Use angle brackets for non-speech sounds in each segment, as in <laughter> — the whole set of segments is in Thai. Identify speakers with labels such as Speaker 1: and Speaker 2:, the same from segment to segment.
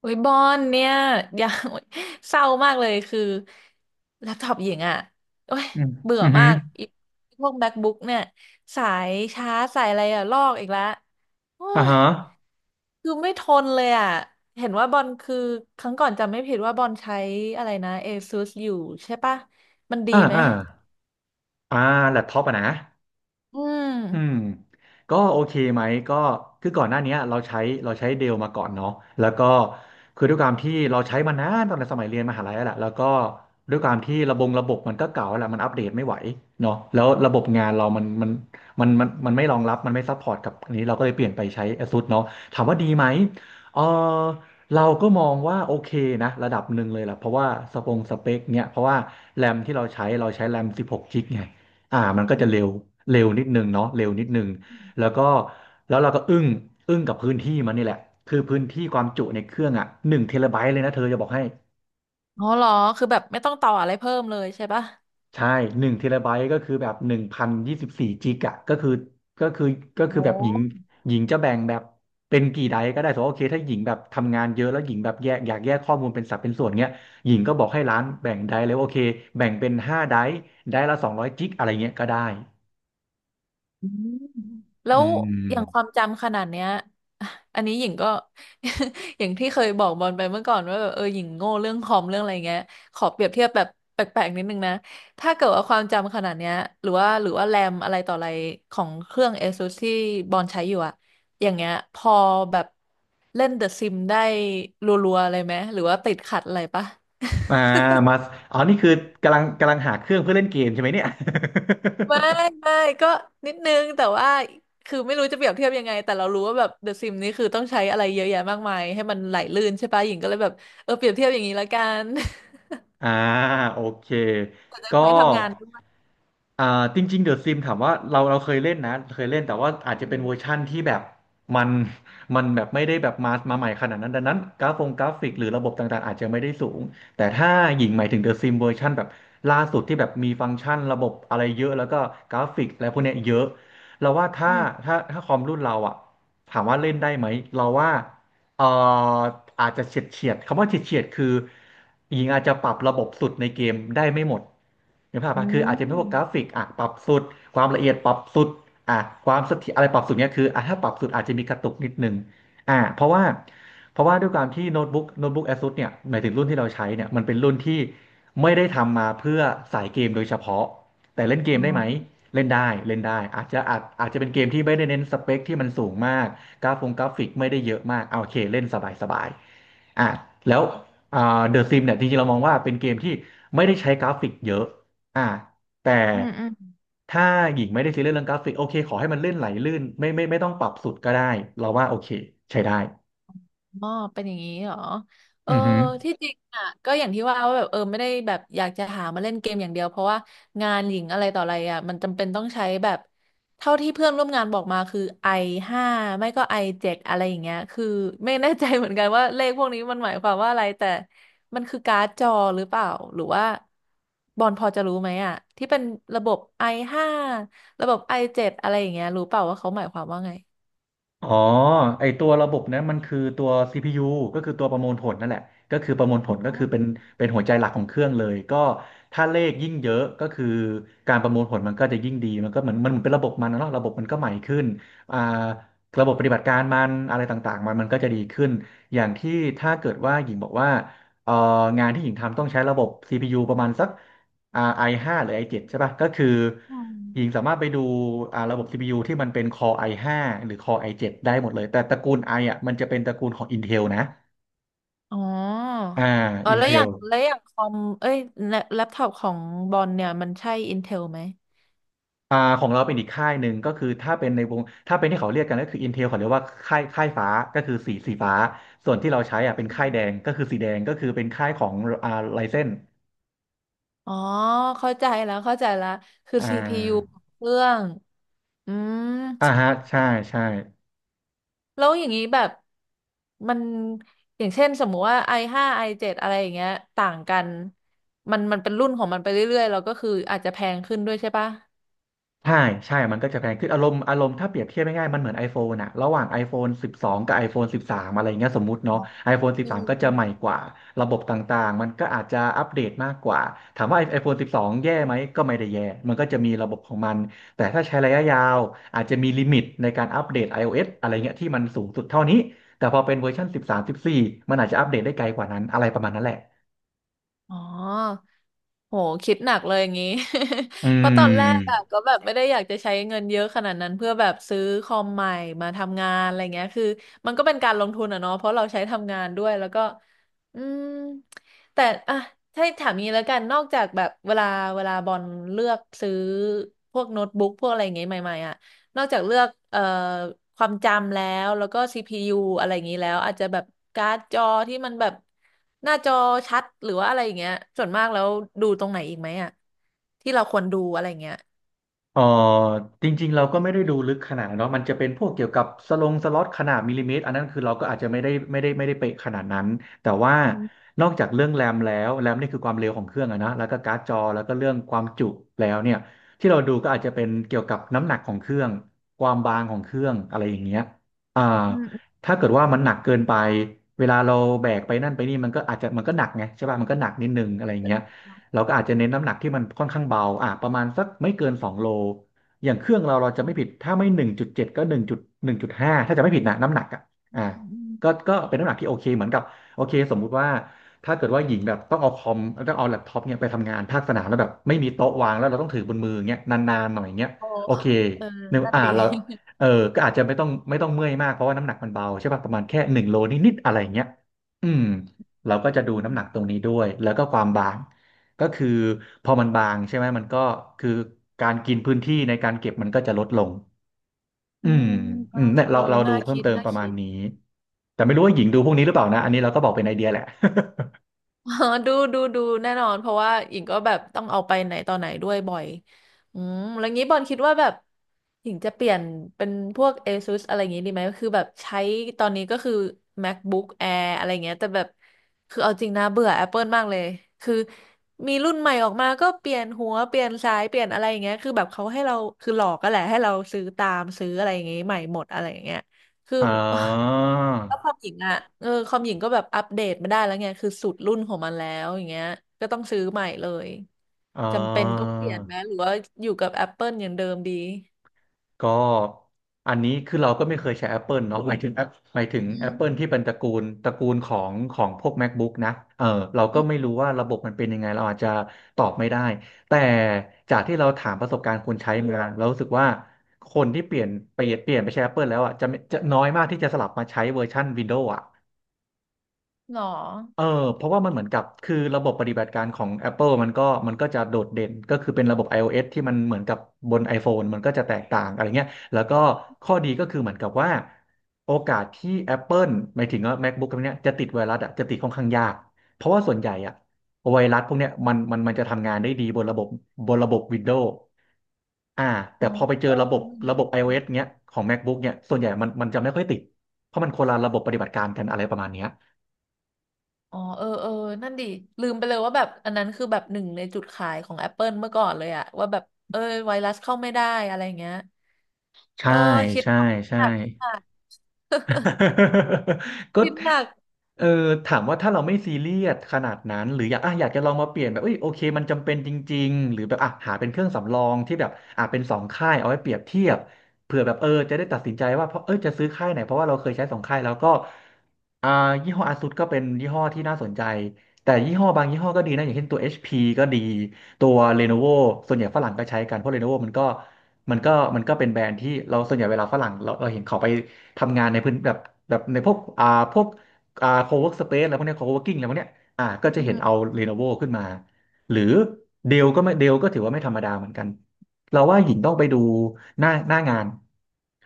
Speaker 1: โอ้ยบอนเนี่ย <laughs> อย่าโอ๊ยเศร้ามากเลยคือแล็ปท็อปหญิงอ่ะโอ้ย
Speaker 2: อืม
Speaker 1: เบื่อ
Speaker 2: อือฮึ
Speaker 1: มา
Speaker 2: อ
Speaker 1: กอีพวก MacBook เนี่ยสายชาร์จสายอะไรอ่ะลอกอีกแล้วโอ้
Speaker 2: อ่า
Speaker 1: ย
Speaker 2: ฮะ
Speaker 1: คือไม่ทนเลยอ่ะเห็นว่าบอลคือครั้งก่อนจำไม่ผิดว่าบอลใช้อะไรนะ ASUS อยู่ใช่ปะมันดี
Speaker 2: อ่า
Speaker 1: ไหม
Speaker 2: อ่าอ่าแล็ปท็อปอะนะ
Speaker 1: อืม
Speaker 2: อืมก็โอเคไหมก็คือก่อนหน้าเนี้ยเราใช้เดลมาก่อนเนาะแล้วก็คือด้วยความที่เราใช้มานานตอนสมัยเรียนมหาลัยแล้วแหละแล้วก็ด้วยความที่ระบบมันก็เก่าแล้วแหละมันอัปเดตไม่ไหวเนาะแล้วระบบงานเรามันไม่รองรับมันไม่ซัพพอร์ตกับอันนี้เราก็เลยเปลี่ยนไปใช้ ASUS เนาะถามว่าดีไหมเออเราก็มองว่าโอเคนะระดับหนึ่งเลยแหละเพราะว่าสเปคเนี่ยเพราะว่าแรมที่เราใช้เราใช้แรม16กกิกะไง มันก็จะเร็วเร็วนิดนึงเนาะเร็วนิดนึงแล้วก็แล้วเราก็อึ้งอึ้งกับพื้นที่มันนี่แหละคือพื้นที่ความจุในเครื่องอ่ะหนึ่งเทราไบต์เลยนะเธอจะบอกให้
Speaker 1: อ๋อเหรอคือแบบไม่ต้องต่ออะไรเพิ่มเลยใช่ปะ
Speaker 2: ใช่หนึ่งเทราไบต์ก็คือแบบหนึ่งพันยี่สิบสี่จิกอะก็คือก็คื
Speaker 1: โห
Speaker 2: อแบบหญิงจะแบ่งแบบเป็นกี่ไดก็ได้สมมติว่าโอเคถ้าหญิงแบบทำงานเยอะแล้วหญิงแบบแยกอยากแยกข้อมูลเป็นสัดเป็นส่วนเงี้ยหญิงก็บอกให้ร้านแบ่งไดเลยว่าโอเคแบ่งเป็นห้าไดไดละสองร้อยจิกอะไรเงี้ยก็ได้
Speaker 1: อืมแล้
Speaker 2: อื
Speaker 1: วอย่างควา
Speaker 2: ม
Speaker 1: มจำขนาดเนี้ย <laughs> อันนี้หญิงก็ <laughs> อย่างที่เคยบอกบอลไปเมื่อก่อนว่าแบบเออหญิงโง่เรื่องคอมเรื่องอะไรเงี้ยขอเปรียบเทียบแบบแปลกๆนิดนึงนะถ้าเกิดว่าความจำขนาดเนี้ยหรือว่าแรมอะไรต่ออะไรของเครื่อง ASUS ที่บอลใช้อยู่อะอย่างเงี้ยพอแบบเล่นเดอะซิมได้รัวๆอะไรไหมหรือว่าติดขัดอะไรปะ
Speaker 2: อ่ามาอ๋อนี่คือกำลังหาเครื่องเพื่อเล่นเกมใช่ไหมเนี่ย
Speaker 1: ไม่
Speaker 2: <laughs>
Speaker 1: ไม่ก็นิดนึงแต่ว่าคือไม่รู้จะเปรียบเทียบยังไงแต่เรารู้ว่าแบบเดอะซิมนี่คือต้องใช้อะไรเยอะแยะมากมายให้มันไหลลื่นใช่ปะหญิงก็เลยแบบเออเปรียบเทียบอย่างนี้ละกัน
Speaker 2: อ่าโอเค
Speaker 1: <laughs> จะ
Speaker 2: ก็
Speaker 1: ใช้ทำงานด้วย
Speaker 2: อ่าจริงๆเดอะซิมถามว่าเราเคยเล่นนะเคยเล่นแต่ว่าอาจจะเป็นเวอร์ชั่นที่แบบมันแบบไม่ได้แบบมาใหม่ขนาดนั้นดังนั้นกราฟิกหรือระบบต่างๆอาจจะไม่ได้สูงแต่ถ้าหญิงหมายถึงเดอะซิมเวอร์ชันแบบล่าสุดที่แบบมีฟังก์ชันระบบอะไรเยอะแล้วก็กราฟิกอะไรพวกเนี้ยเยอะเราว่าถ้า
Speaker 1: อืม
Speaker 2: คอมรุ่นเราอะถามว่าเล่นได้ไหมเราว่า เอ่ออาจจะเฉียดเฉียดคำว่าเฉียดเฉียดคือหญิงอาจจะปรับระบบสุดในเกมได้ไม่หมดเห็นภาพ
Speaker 1: อื
Speaker 2: ปะคืออาจจะเป็นพวกกรา
Speaker 1: ม
Speaker 2: ฟิกอ่ะปรับสุดความละเอียดปรับสุดอ่ะความเสถียรอะไรปรับสุดเนี่ยคืออ่ะถ้าปรับสุดอาจจะมีกระตุกนิดนึงอ่ะเพราะว่าเพราะว่าด้วยความที่โน้ตบุ๊ก ASUS เนี่ยหมายถึงรุ่นที่เราใช้เนี่ยมันเป็นรุ่นที่ไม่ได้ทำมาเพื่อสายเกมโดยเฉพาะแต่เล่นเก
Speaker 1: อ๋
Speaker 2: ม
Speaker 1: อ
Speaker 2: ได้ไหมเล่นได้เล่นได้อาจจะเป็นเกมที่ไม่ได้เน้นสเปคที่มันสูงมาก กราฟงกราฟิกไม่ได้เยอะมากเอาโอเคเล่นสบายสบายอ่ะแล้วอ่าเดอะซิมเนี่ยจริงๆเรามองว่าเป็นเกมที่ไม่ได้ใช้กราฟิกเยอะอ่าแต่
Speaker 1: อืมอืม
Speaker 2: ถ้าหญิงไม่ได้ซีเรียสเรื่องกราฟิกโอเคขอให้มันเลื่อนไหลลื่นไม่ต้องปรับสุดก็ได้เราว่าโอเคใช้ได้
Speaker 1: อ๋อเป็นอย่างนี้เหรอเออ
Speaker 2: อือฮึ
Speaker 1: ที่จริงอ่ะก็อย่างที่ว่าว่าแบบเออไม่ได้แบบอยากจะหามาเล่นเกมอย่างเดียวเพราะว่างานหญิงอะไรต่ออะไรอ่ะมันจำเป็นต้องใช้แบบเท่าที่เพื่อนร่วมงานบอกมาคือไอห้าไม่ก็ไอเจ็ดอะไรอย่างเงี้ยคือไม่แน่ใจเหมือนกันว่าเลขพวกนี้มันหมายความว่าอะไรแต่มันคือการ์ดจอหรือเปล่าหรือว่าบอลพอจะรู้ไหมอ่ะที่เป็นระบบ i ห้าระบบ i เจ็ดอะไรอย่างเงี้ยรู้เปล่าว่าเขาหมายความว่าไง
Speaker 2: อ๋อไอตัวระบบนั้นมันคือตัว CPU ก็คือตัวประมวลผลนั่นแหละก็คือประมวลผลก็คือเป็นหัวใจหลักของเครื่องเลยก็ถ้าเลขยิ่งเยอะก็คือการประมวลผลมันก็จะยิ่งดีมันก็เหมือนมันเหมือนเป็นระบบนะเนาะระบบมันก็ใหม่ขึ้นอ่าระบบปฏิบัติการมันอะไรต่างๆมันก็จะดีขึ้นอย่างที่ถ้าเกิดว่าหญิงบอกว่าเอ่องานที่หญิงทำต้องใช้ระบบ CPU ประมาณสักอ่า i5 หาหรือไอเจ็ดใช่ป่ะก็คือ
Speaker 1: อืม
Speaker 2: หญิงสามารถไปดูอ่าระบบ CPU ที่มันเป็น Core i5 หาหรือ Core i7 ได้หมดเลยแต่ตระกูล i ออ่ะมันจะเป็นตระกูลของ Intel นะ
Speaker 1: อ๋อ
Speaker 2: อ่า
Speaker 1: อ๋อ แล้วอย่า
Speaker 2: Intel
Speaker 1: งแล้วอย่างคอมเอ้ยแล็ปแล็ปท็อปของบอลเนี่ยมันใช่ Intel ไหม
Speaker 2: อ่าของเราเป็นอีกค่ายหนึ่งก็คือถ้าเป็นในวงถ้าเป็นที่เขาเรียกกันก็คือ Intel เขาเรียกว่าค่ายฟ้าก็คือสีฟ้าส่วนที่เราใช้อ่ะเป็น
Speaker 1: อื
Speaker 2: ค่ายแดง
Speaker 1: ม
Speaker 2: ก็คือสีแดงก็คือเป็นค่ายของอ่า Ryzen
Speaker 1: อ๋อเข้าใจแล้วเข้าใจแล้วคือ
Speaker 2: อ่
Speaker 1: CPU ข
Speaker 2: า
Speaker 1: องเครื่อง อืม
Speaker 2: อ่าฮะใช่ใช่
Speaker 1: แล้วอย่างนี้แบบมันอย่างเช่นสมมุติว่า i5 i7 อเจ็ดอะไรอย่างเงี้ยต่างกันมันเป็นรุ่นของมันไปเรื่อยๆแล้วก็คืออาจจะแพงขึ้นด้วยใช่ปะ
Speaker 2: ใช่ใช่มันก็จะแพงขึ้นอารมณ์ถ้าเปรียบเทียบง่ายๆมันเหมือน iPhone อะระหว่าง iPhone 12 กับ iPhone 13 อะไรเงี้ยสมมุติเนาะ iPhone
Speaker 1: อื
Speaker 2: 13 ก็จะใหม่
Speaker 1: ม
Speaker 2: กว่าระบบต่างๆมันก็อาจจะอัปเดตมากกว่าถามว่า iPhone 12 แย่ไหมก็ไม่ได้แย่มันก็จะมีระบบของมันแต่ถ้าใช้ระยะยาวอาจจะมีลิมิตในการอัปเดต iOS อะไรเงี้ยที่มันสูงสุดเท่านี้แต่พอเป็นเวอร์ชัน13 14มสิบสี่มันอาจจะอัปเดตได้ไกลกว่านั้นอะไรประมาณนั้นแหละ
Speaker 1: อ๋อโหคิดหนักเลยอย่างนี้
Speaker 2: อื
Speaker 1: <laughs> เพราะตอนแรกอะก็
Speaker 2: ม
Speaker 1: แบบไม่ได้อยากจะใช้เงินเยอะขนาดนั้นเพื่อแบบซื้อคอมใหม่มาทำงานอะไรเงี้ยคือมันก็เป็นการลงทุนอะเนาะเพราะเราใช้ทำงานด้วยแล้วก็อืมแต่อะถ้าถามงี้แล้วกันนอกจากแบบเวลาบอลเลือกซื้อพวกโน้ตบุ๊กพวกอะไรอย่างเงี้ยใหม่ๆอะ นอกจากเลือกความจำแล้วก็ CPU อะไรอย่างนี้แล้วอาจจะแบบการ์ดจอที่มันแบบหน้าจอชัดหรือว่าอะไรอย่างเงี้ยส่วนมากแล้วดูตรงไหนอีกไหมอ่ะที่เราควรดูอะไรอย่างเงี้ย
Speaker 2: เออจริงๆเราก็ไม่ได้ดูลึกขนาดนั้นเนาะมันจะเป็นพวกเกี่ยวกับสลงสล็อตขนาดมิลลิเมตรอันนั้นคือเราก็อาจจะไม่ได้เป๊ะขนาดนั้นแต่ว่า
Speaker 1: อืม
Speaker 2: นอกจากเรื่องแรมแล้วแรมนี่คือความเร็วของเครื่องอะนะแล้วก็การ์ดจอแล้วก็เรื่องความจุแล้วเนี่ยที่เราดูก็อาจจะเป็นเกี่ยวกับน้ำหนักของเครื่องความบางของเครื่องอะไรอย่างเงี้ยอ่า
Speaker 1: อืม
Speaker 2: ถ้าเกิดว่ามันหนักเกินไปเวลาเราแบกไปนั่นไปนี่มันก็อาจจะมันก็หนักไงใช่ป่ะมันก็หนักนิดนึงอะไรอย่างเงี้ย เราก็อาจจะเน้นน้ำหนักที่มันค่อนข้างเบาอ่ะประมาณสักไม่เกิน2 โลอย่างเครื่องเราเราจะไม่ผิดถ้าไม่1.7ก็หนึ่งจุด1.5ถ้าจะไม่ผิดนะน้ำหนักอ่ะ
Speaker 1: อื
Speaker 2: อ่ะ
Speaker 1: มอืมอื
Speaker 2: ก็
Speaker 1: ม
Speaker 2: ก็เป็นน้ำหนักที่โอเคเหมือนกับโอเคสมมุติว่าถ้าเกิดว่าหญิงแบบต้องเอาคอมต้องเอาแล็ปท็อปเนี่ยไปทำงานภาคสนามแล้วแบบไม่มีโต๊ะวางแล้วเราต้องถือบนมืออย่างเงี้ยนานๆหน่อยเงี้ย
Speaker 1: โอ้
Speaker 2: โอเค
Speaker 1: เออ
Speaker 2: เนอะ
Speaker 1: นั่นดี
Speaker 2: เราเออก็อาจจะไม่ต้องเมื่อยมากเพราะว่าน้ำหนักมันเบาใช่ป่ะประมาณแค่1 โลนิดๆอะไรอย่างเงี้ยอืมเราก็จะ
Speaker 1: อื
Speaker 2: ดู
Speaker 1: ม
Speaker 2: น้ำหนักตรงนี้ด้วยแล้วก็ความบาง ก็คือพอมันบางใช่ไหมมันก็คือการกินพื้นที่ในการเก็บมันก็จะลดลง
Speaker 1: อื
Speaker 2: อืม
Speaker 1: มเอ
Speaker 2: อื
Speaker 1: อ
Speaker 2: มเนี่ย
Speaker 1: เออ
Speaker 2: เราดู
Speaker 1: น่า
Speaker 2: เพิ่ม
Speaker 1: คิด
Speaker 2: เติม
Speaker 1: น่า
Speaker 2: ประมา
Speaker 1: คิ
Speaker 2: ณ
Speaker 1: ด
Speaker 2: นี้แต่ไม่รู้ว่าหญิงดูพวกนี้หรือเปล่านะอันนี้เราก็บอกเป็นไอเดียแหละ
Speaker 1: <laughs> เออดูดูดูแน่นอนเพราะว่าหญิงก็แบบต้องเอาไปไหนต่อไหนด้วยบ่อยอืมแล้วงี้บอลคิดว่าแบบหญิงจะเปลี่ยนเป็นพวก ASUS อะไรอย่างงี้ดีไหมคือแบบใช้ตอนนี้ก็คือ MacBook Air อะไรเงี้ยแต่แบบคือเอาจริงนะเบื่อ Apple มากเลย คือมีรุ่นใหม่ออกมาก็เปลี่ยนหัวเปลี่ยนสายเปลี่ยนอะไรอย่างเงี้ยคือแบบเขาให้เราคือหลอกก็แหละให้เราซื้อตามซื้ออะไรอย่างงี้ใหม่หมดอะไรอย่างเงี้ยคือ
Speaker 2: <laughs> อ๋อ
Speaker 1: แล้วความหญิงอ่ะเออความหญิงก็แบบอัปเดตไม่ได้แล้วไงคือสุดรุ่นของมันแล้วอย่างเงี้ยก็ต้องซื้อใหม่เลย
Speaker 2: อ๋อ
Speaker 1: จำเป็นต้องเปลี่ยนไหมหรือว่าอยู่กับ Apple อย่างเดิมดี
Speaker 2: ก็อันนี้คือเราก็ไม่เคยใช้ Apple เนาะหมายถึง
Speaker 1: อื
Speaker 2: Apple
Speaker 1: ม
Speaker 2: ที่เป็นตระกูลของของพวก MacBook นะเออเรา
Speaker 1: อื
Speaker 2: ก็ไม่
Speaker 1: ม
Speaker 2: รู้ว่าระบบมันเป็นยังไงเราอาจจะตอบไม่ได้แต่จากที่เราถามประสบการณ์คนใช้มาเรารู้สึกว่าคนที่เปลี่ยนไปใช้ Apple แล้วอ่ะจะน้อยมากที่จะสลับมาใช้เวอร์ชัน Windows อ่ะ
Speaker 1: หรอ
Speaker 2: เออเพราะว่ามันเหมือนกับคือระบบปฏิบัติการของ Apple มันก็จะโดดเด่นก็คือเป็นระบบ iOS ที่มันเหมือนกับบน iPhone มันก็จะแตกต่างอะไรเงี้ยแล้วก็ข้อดีก็คือเหมือนกับว่าโอกาสที่ Apple หมายถึงว่า MacBook พวกเนี้ยจะติดไวรัสอ่ะจะติดค่อนข้างยากเพราะว่าส่วนใหญ่อ่ะไวรัสพวกเนี้ยมันจะทำงานได้ดีบนระบบWindows อ่า
Speaker 1: อ๋
Speaker 2: แต่
Speaker 1: อ
Speaker 2: พอไปเจอ
Speaker 1: เออ
Speaker 2: ระบบ
Speaker 1: ลืมคิดไป
Speaker 2: iOS เงี้ยของ MacBook เนี่ยส่วนใหญ่มันจะไม่ค่อยติดเพราะมันคนละระบบปฏิบัติการกันอะไรประมาณเนี้ย
Speaker 1: อ๋อเออเออนั่นดิลืมไปเลยว่าแบบอันนั้นคือแบบหนึ่งในจุดขายของ Apple เมื่อก่อนเลยอะว่าแบบเออไวรัสเข้าไม่ได้อะไรเงี้ยเอ
Speaker 2: ใช่
Speaker 1: อคิด
Speaker 2: ใช่
Speaker 1: หนักคิด
Speaker 2: ใช่
Speaker 1: หนัก <laughs>
Speaker 2: <laughs> ก็
Speaker 1: คิดหนัก
Speaker 2: เออถามว่าถ้าเราไม่ซีเรียสขนาดนั้นหรืออยากอ่ะอยากจะลองมาเปลี่ยนแบบเอ้ยโอเคมันจำเป็นจริงๆหรือแบบอ่ะหาเป็นเครื่องสำรองที่แบบอ่ะเป็นสองค่ายเอาไว้เปรียบเทียบเผื่อแบบเออจะได้ตัดสินใจว่าเพราะเออจะซื้อค่ายไหนเพราะว่าเราเคยใช้สองค่ายแล้วก็อ่ายี่ห้ออ s u s ก็เป็นยี่ห้อที่น่าสนใจแต่ยี่ห้อบางยี่ห้อก็ดีนะอย่างเช่นตัว HP ก็ดีตัว Lenovo ส่วนใหญ่ฝรั่งก็ใช้กันเพราะ Lenovo มันก็มันก็เป็นแบรนด์ที่เราส่วนใหญ่เวลาฝรั่งเราเห็นเขาไป ทำงานในพื้นแบบแบบในพวกพวกโคเวิร์กสเปซอะไรพวกเนี้โคเวิร์กิ้งอะไรพวกเนี้ยก็จะ
Speaker 1: อื
Speaker 2: เห็นเอา
Speaker 1: ม
Speaker 2: เ e โน v o ขึ้นมาหรือเดลก็ถือว่าไม่ธรรมดาเหมือนกันเราว่าหญิงต้องไปดูหน้างาน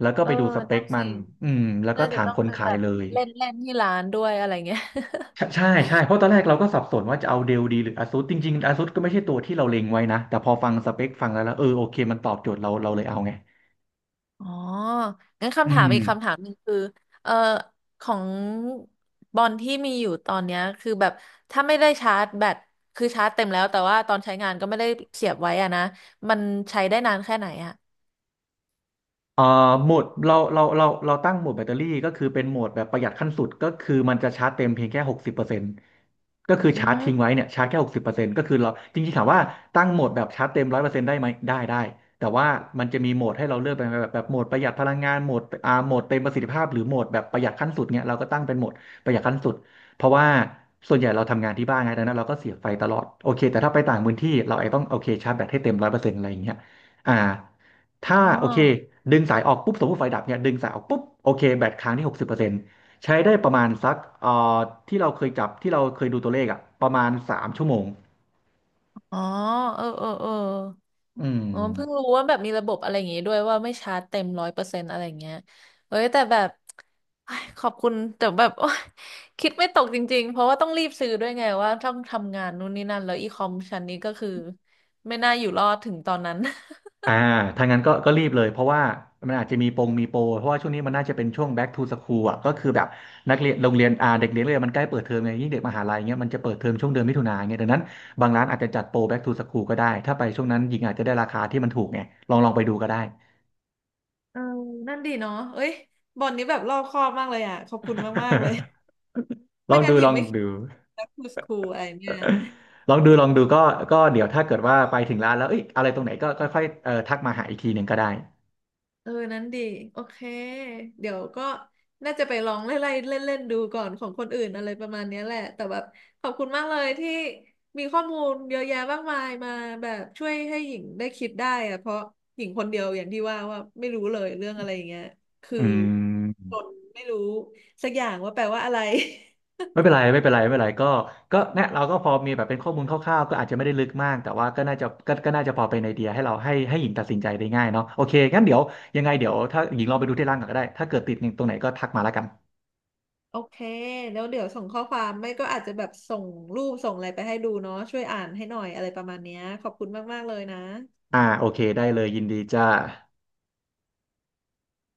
Speaker 2: แล้วก็
Speaker 1: เอ
Speaker 2: ไป
Speaker 1: อ
Speaker 2: ดูสเป
Speaker 1: นั่
Speaker 2: ค
Speaker 1: น
Speaker 2: มั
Speaker 1: สิ
Speaker 2: นอืมแล้วก็
Speaker 1: น่าจะ
Speaker 2: ถาม
Speaker 1: ต้อง
Speaker 2: คน
Speaker 1: เป็น
Speaker 2: ขา
Speaker 1: แบ
Speaker 2: ย
Speaker 1: บ
Speaker 2: เลย
Speaker 1: เล่นเล่นที่ร้านด้วยอะไรเงี้ย
Speaker 2: ใช่ใช่ใช่เพราะตอนแรกเราก็สับสนว่าจะเอาเดลดีหรืออาซูสจริงๆอาซูสก็ไม่ใช่ตัวที่เราเล็งไว้นะแต่พอฟังสเปคฟังแล้วแล้วเออโอเคมันตอบโจทย์เราเราเลยเอาไง
Speaker 1: <laughs> อ๋องั้น
Speaker 2: อื
Speaker 1: คำถาม
Speaker 2: ม
Speaker 1: อีกคำถามหนึ่งคือเอ่อของบอลที่มีอยู่ตอนเนี้ยคือแบบถ้าไม่ได้ชาร์จแบตคือชาร์จเต็มแล้วแต่ว่าตอนใช้งานก็ไม่ได้เสียบไว้อะนะมันใช้ได้นานแค่ไหนอะ
Speaker 2: เอ่อโหมดเราตั้งโหมดแบตเตอรี่ก็คือเป็นโหมดแบบประหยัดขั้นสุดก็คือมันจะชาร์จเต็มเพียงแค่หกสิบเปอร์เซ็นต์ก็คือ
Speaker 1: อื
Speaker 2: ชาร์จทิ้ง
Speaker 1: ม
Speaker 2: ไว้เนี่ยชาร์จแค่หกสิบเปอร์เซ็นต์ก็คือเราจริงๆถามว่าตั้งโหมดแบบชาร์จเต็มร้อยเปอร์เซ็นต์ได้ไหมได้ได้แต่ว่ามันจะมีโหมดให้เราเลือกเป็นแบบโหมดประหยัดพลังงานโหมดโหมดเต็มประสิทธิภาพหรือโหมดแบบประหยัดขั้นสุดเนี่ยเราก็ตั้งเป็นโหมดประหยัดขั้นสุดเพราะว่าส่วนใหญ่เราทำงานที่บ้านไงดังนั้นเราก็เสียบไฟตลอดโอเคแต่ถ้าไปต่างพื้นที่เราไอ้ต้องโอเคชาร์จแบตให้เต็มร้อยเปอร์เซ็นต์อะไรอย่างเงี้ยอ่า ถ้า
Speaker 1: อ๋อ
Speaker 2: โอเคดึงสายออกปุ๊บสมมติไฟดับเนี่ยดึงสายออกปุ๊บโอเคแบตค้างที่หกสิบเปอร์เซ็นต์ใช้ได้ประมาณสักที่เราเคยจับที่เราเคยดูตัวเลขอะประมาณ3 ชั่วโมง
Speaker 1: อ๋อเออเออเออ
Speaker 2: อืม
Speaker 1: อ๋อเพิ่งรู้ว่าแบบมีระบบอะไรอย่างงี้ด้วยว่าไม่ชาร์จเต็มร้อยเปอร์เซ็นต์อะไรอย่างเงี้ยเอ้ยแต่แบบเอ้ยขอบคุณแต่แบบโอ๊ยคิดไม่ตกจริงๆเพราะว่าต้องรีบซื้อด้วยไงว่าต้องทำงานนู่นนี่นั่นแล้วอีคอมชั้นนี้ก็คือไม่น่าอยู่รอดถึงตอนนั้น
Speaker 2: อ่าถ้างั้นก็รีบเลยเพราะว่ามันอาจจะมีโปรเพราะว่าช่วงนี้มันน่าจะเป็นช่วง back to school อ่ะก็คือแบบนักเรียนโรงเรียนเด็กเรียนเลยนมันใกล้เปิดเทอมไงยิ่งเด็กมหาลัยเงี้ยมันจะเปิดเทอมช่วงเดือนมิถุนายนเงี้ยดังนั้นบางร้านอาจจะจัดโปร back to school ก็ได้ถ้าไปช่วงนั้นหญิงอาจจะได้ราคาที่มันถูกไงลองไปดูก็ได้
Speaker 1: เออนั่นดีเนาะเอ้ยบอลนี้แบบรอบคอบมากเลยอ่ะขอบคุณมากๆเลย
Speaker 2: <laughs> ล
Speaker 1: ไม่
Speaker 2: อง
Speaker 1: งั้
Speaker 2: ดู
Speaker 1: นหญิ
Speaker 2: ล
Speaker 1: ง
Speaker 2: อง
Speaker 1: ไม่คิด
Speaker 2: ดู
Speaker 1: แล้วคทูสคูลอะไรเนี่ย
Speaker 2: <laughs> ลองดูลองดูก็เดี๋ยวถ้าเกิดว่าไปถึงร้านแล้วเอ้ยอะไรตรงไหนก็ค่อยๆทักมาหาอีกทีหนึ่งก็ได้
Speaker 1: เออนั้นดีโอเคเดี๋ยวก็น่าจะไปลองไล่ๆเล่นๆดูก่อนของคนอื่นอะไรประมาณเนี้ยแหละแต่แบบขอบคุณมากเลยที่มีข้อมูลเยอะแยะมากมายมาแบบช่วยให้หญิงได้คิดได้อะเพราะหญิงคนเดียวอย่างที่ว่าว่าไม่รู้เลยเรื่องอะไรอย่างเงี้ยคือ
Speaker 2: อื
Speaker 1: ค
Speaker 2: ม
Speaker 1: นไม่รู้สักอย่างว่าแปลว่าอะไร
Speaker 2: ไม่เป็นไรไม่เป็นไรไม่เป็นไรก็เนี่ยเราก็พอมีแบบเป็นข้อมูลคร่าวๆก็อาจจะไม่ได้ลึกมากแต่ว่าก็น่าจะพอเป็นไอเดียให้เราให้ให้หญิงตัดสินใจได้ง่ายเนาะโอเคงั้นเดี๋ยวยังไงเดี๋ยวถ้าหญิงลองไปดูที่ร้านก่อนก็ได้ถ้าเกิดติดหนึ่งตรงไหนก็ทักมาแล้วกัน
Speaker 1: <laughs> โอเคแล้วเดี๋ยวส่งข้อความไม่ก็อาจจะแบบส่งรูปส่งอะไรไปให้ดูเนาะช่วยอ่านให้หน่อยอะไรประมาณเนี้ยขอบคุณมากๆเลยนะ
Speaker 2: โอเคได้เลยยินดีจ้า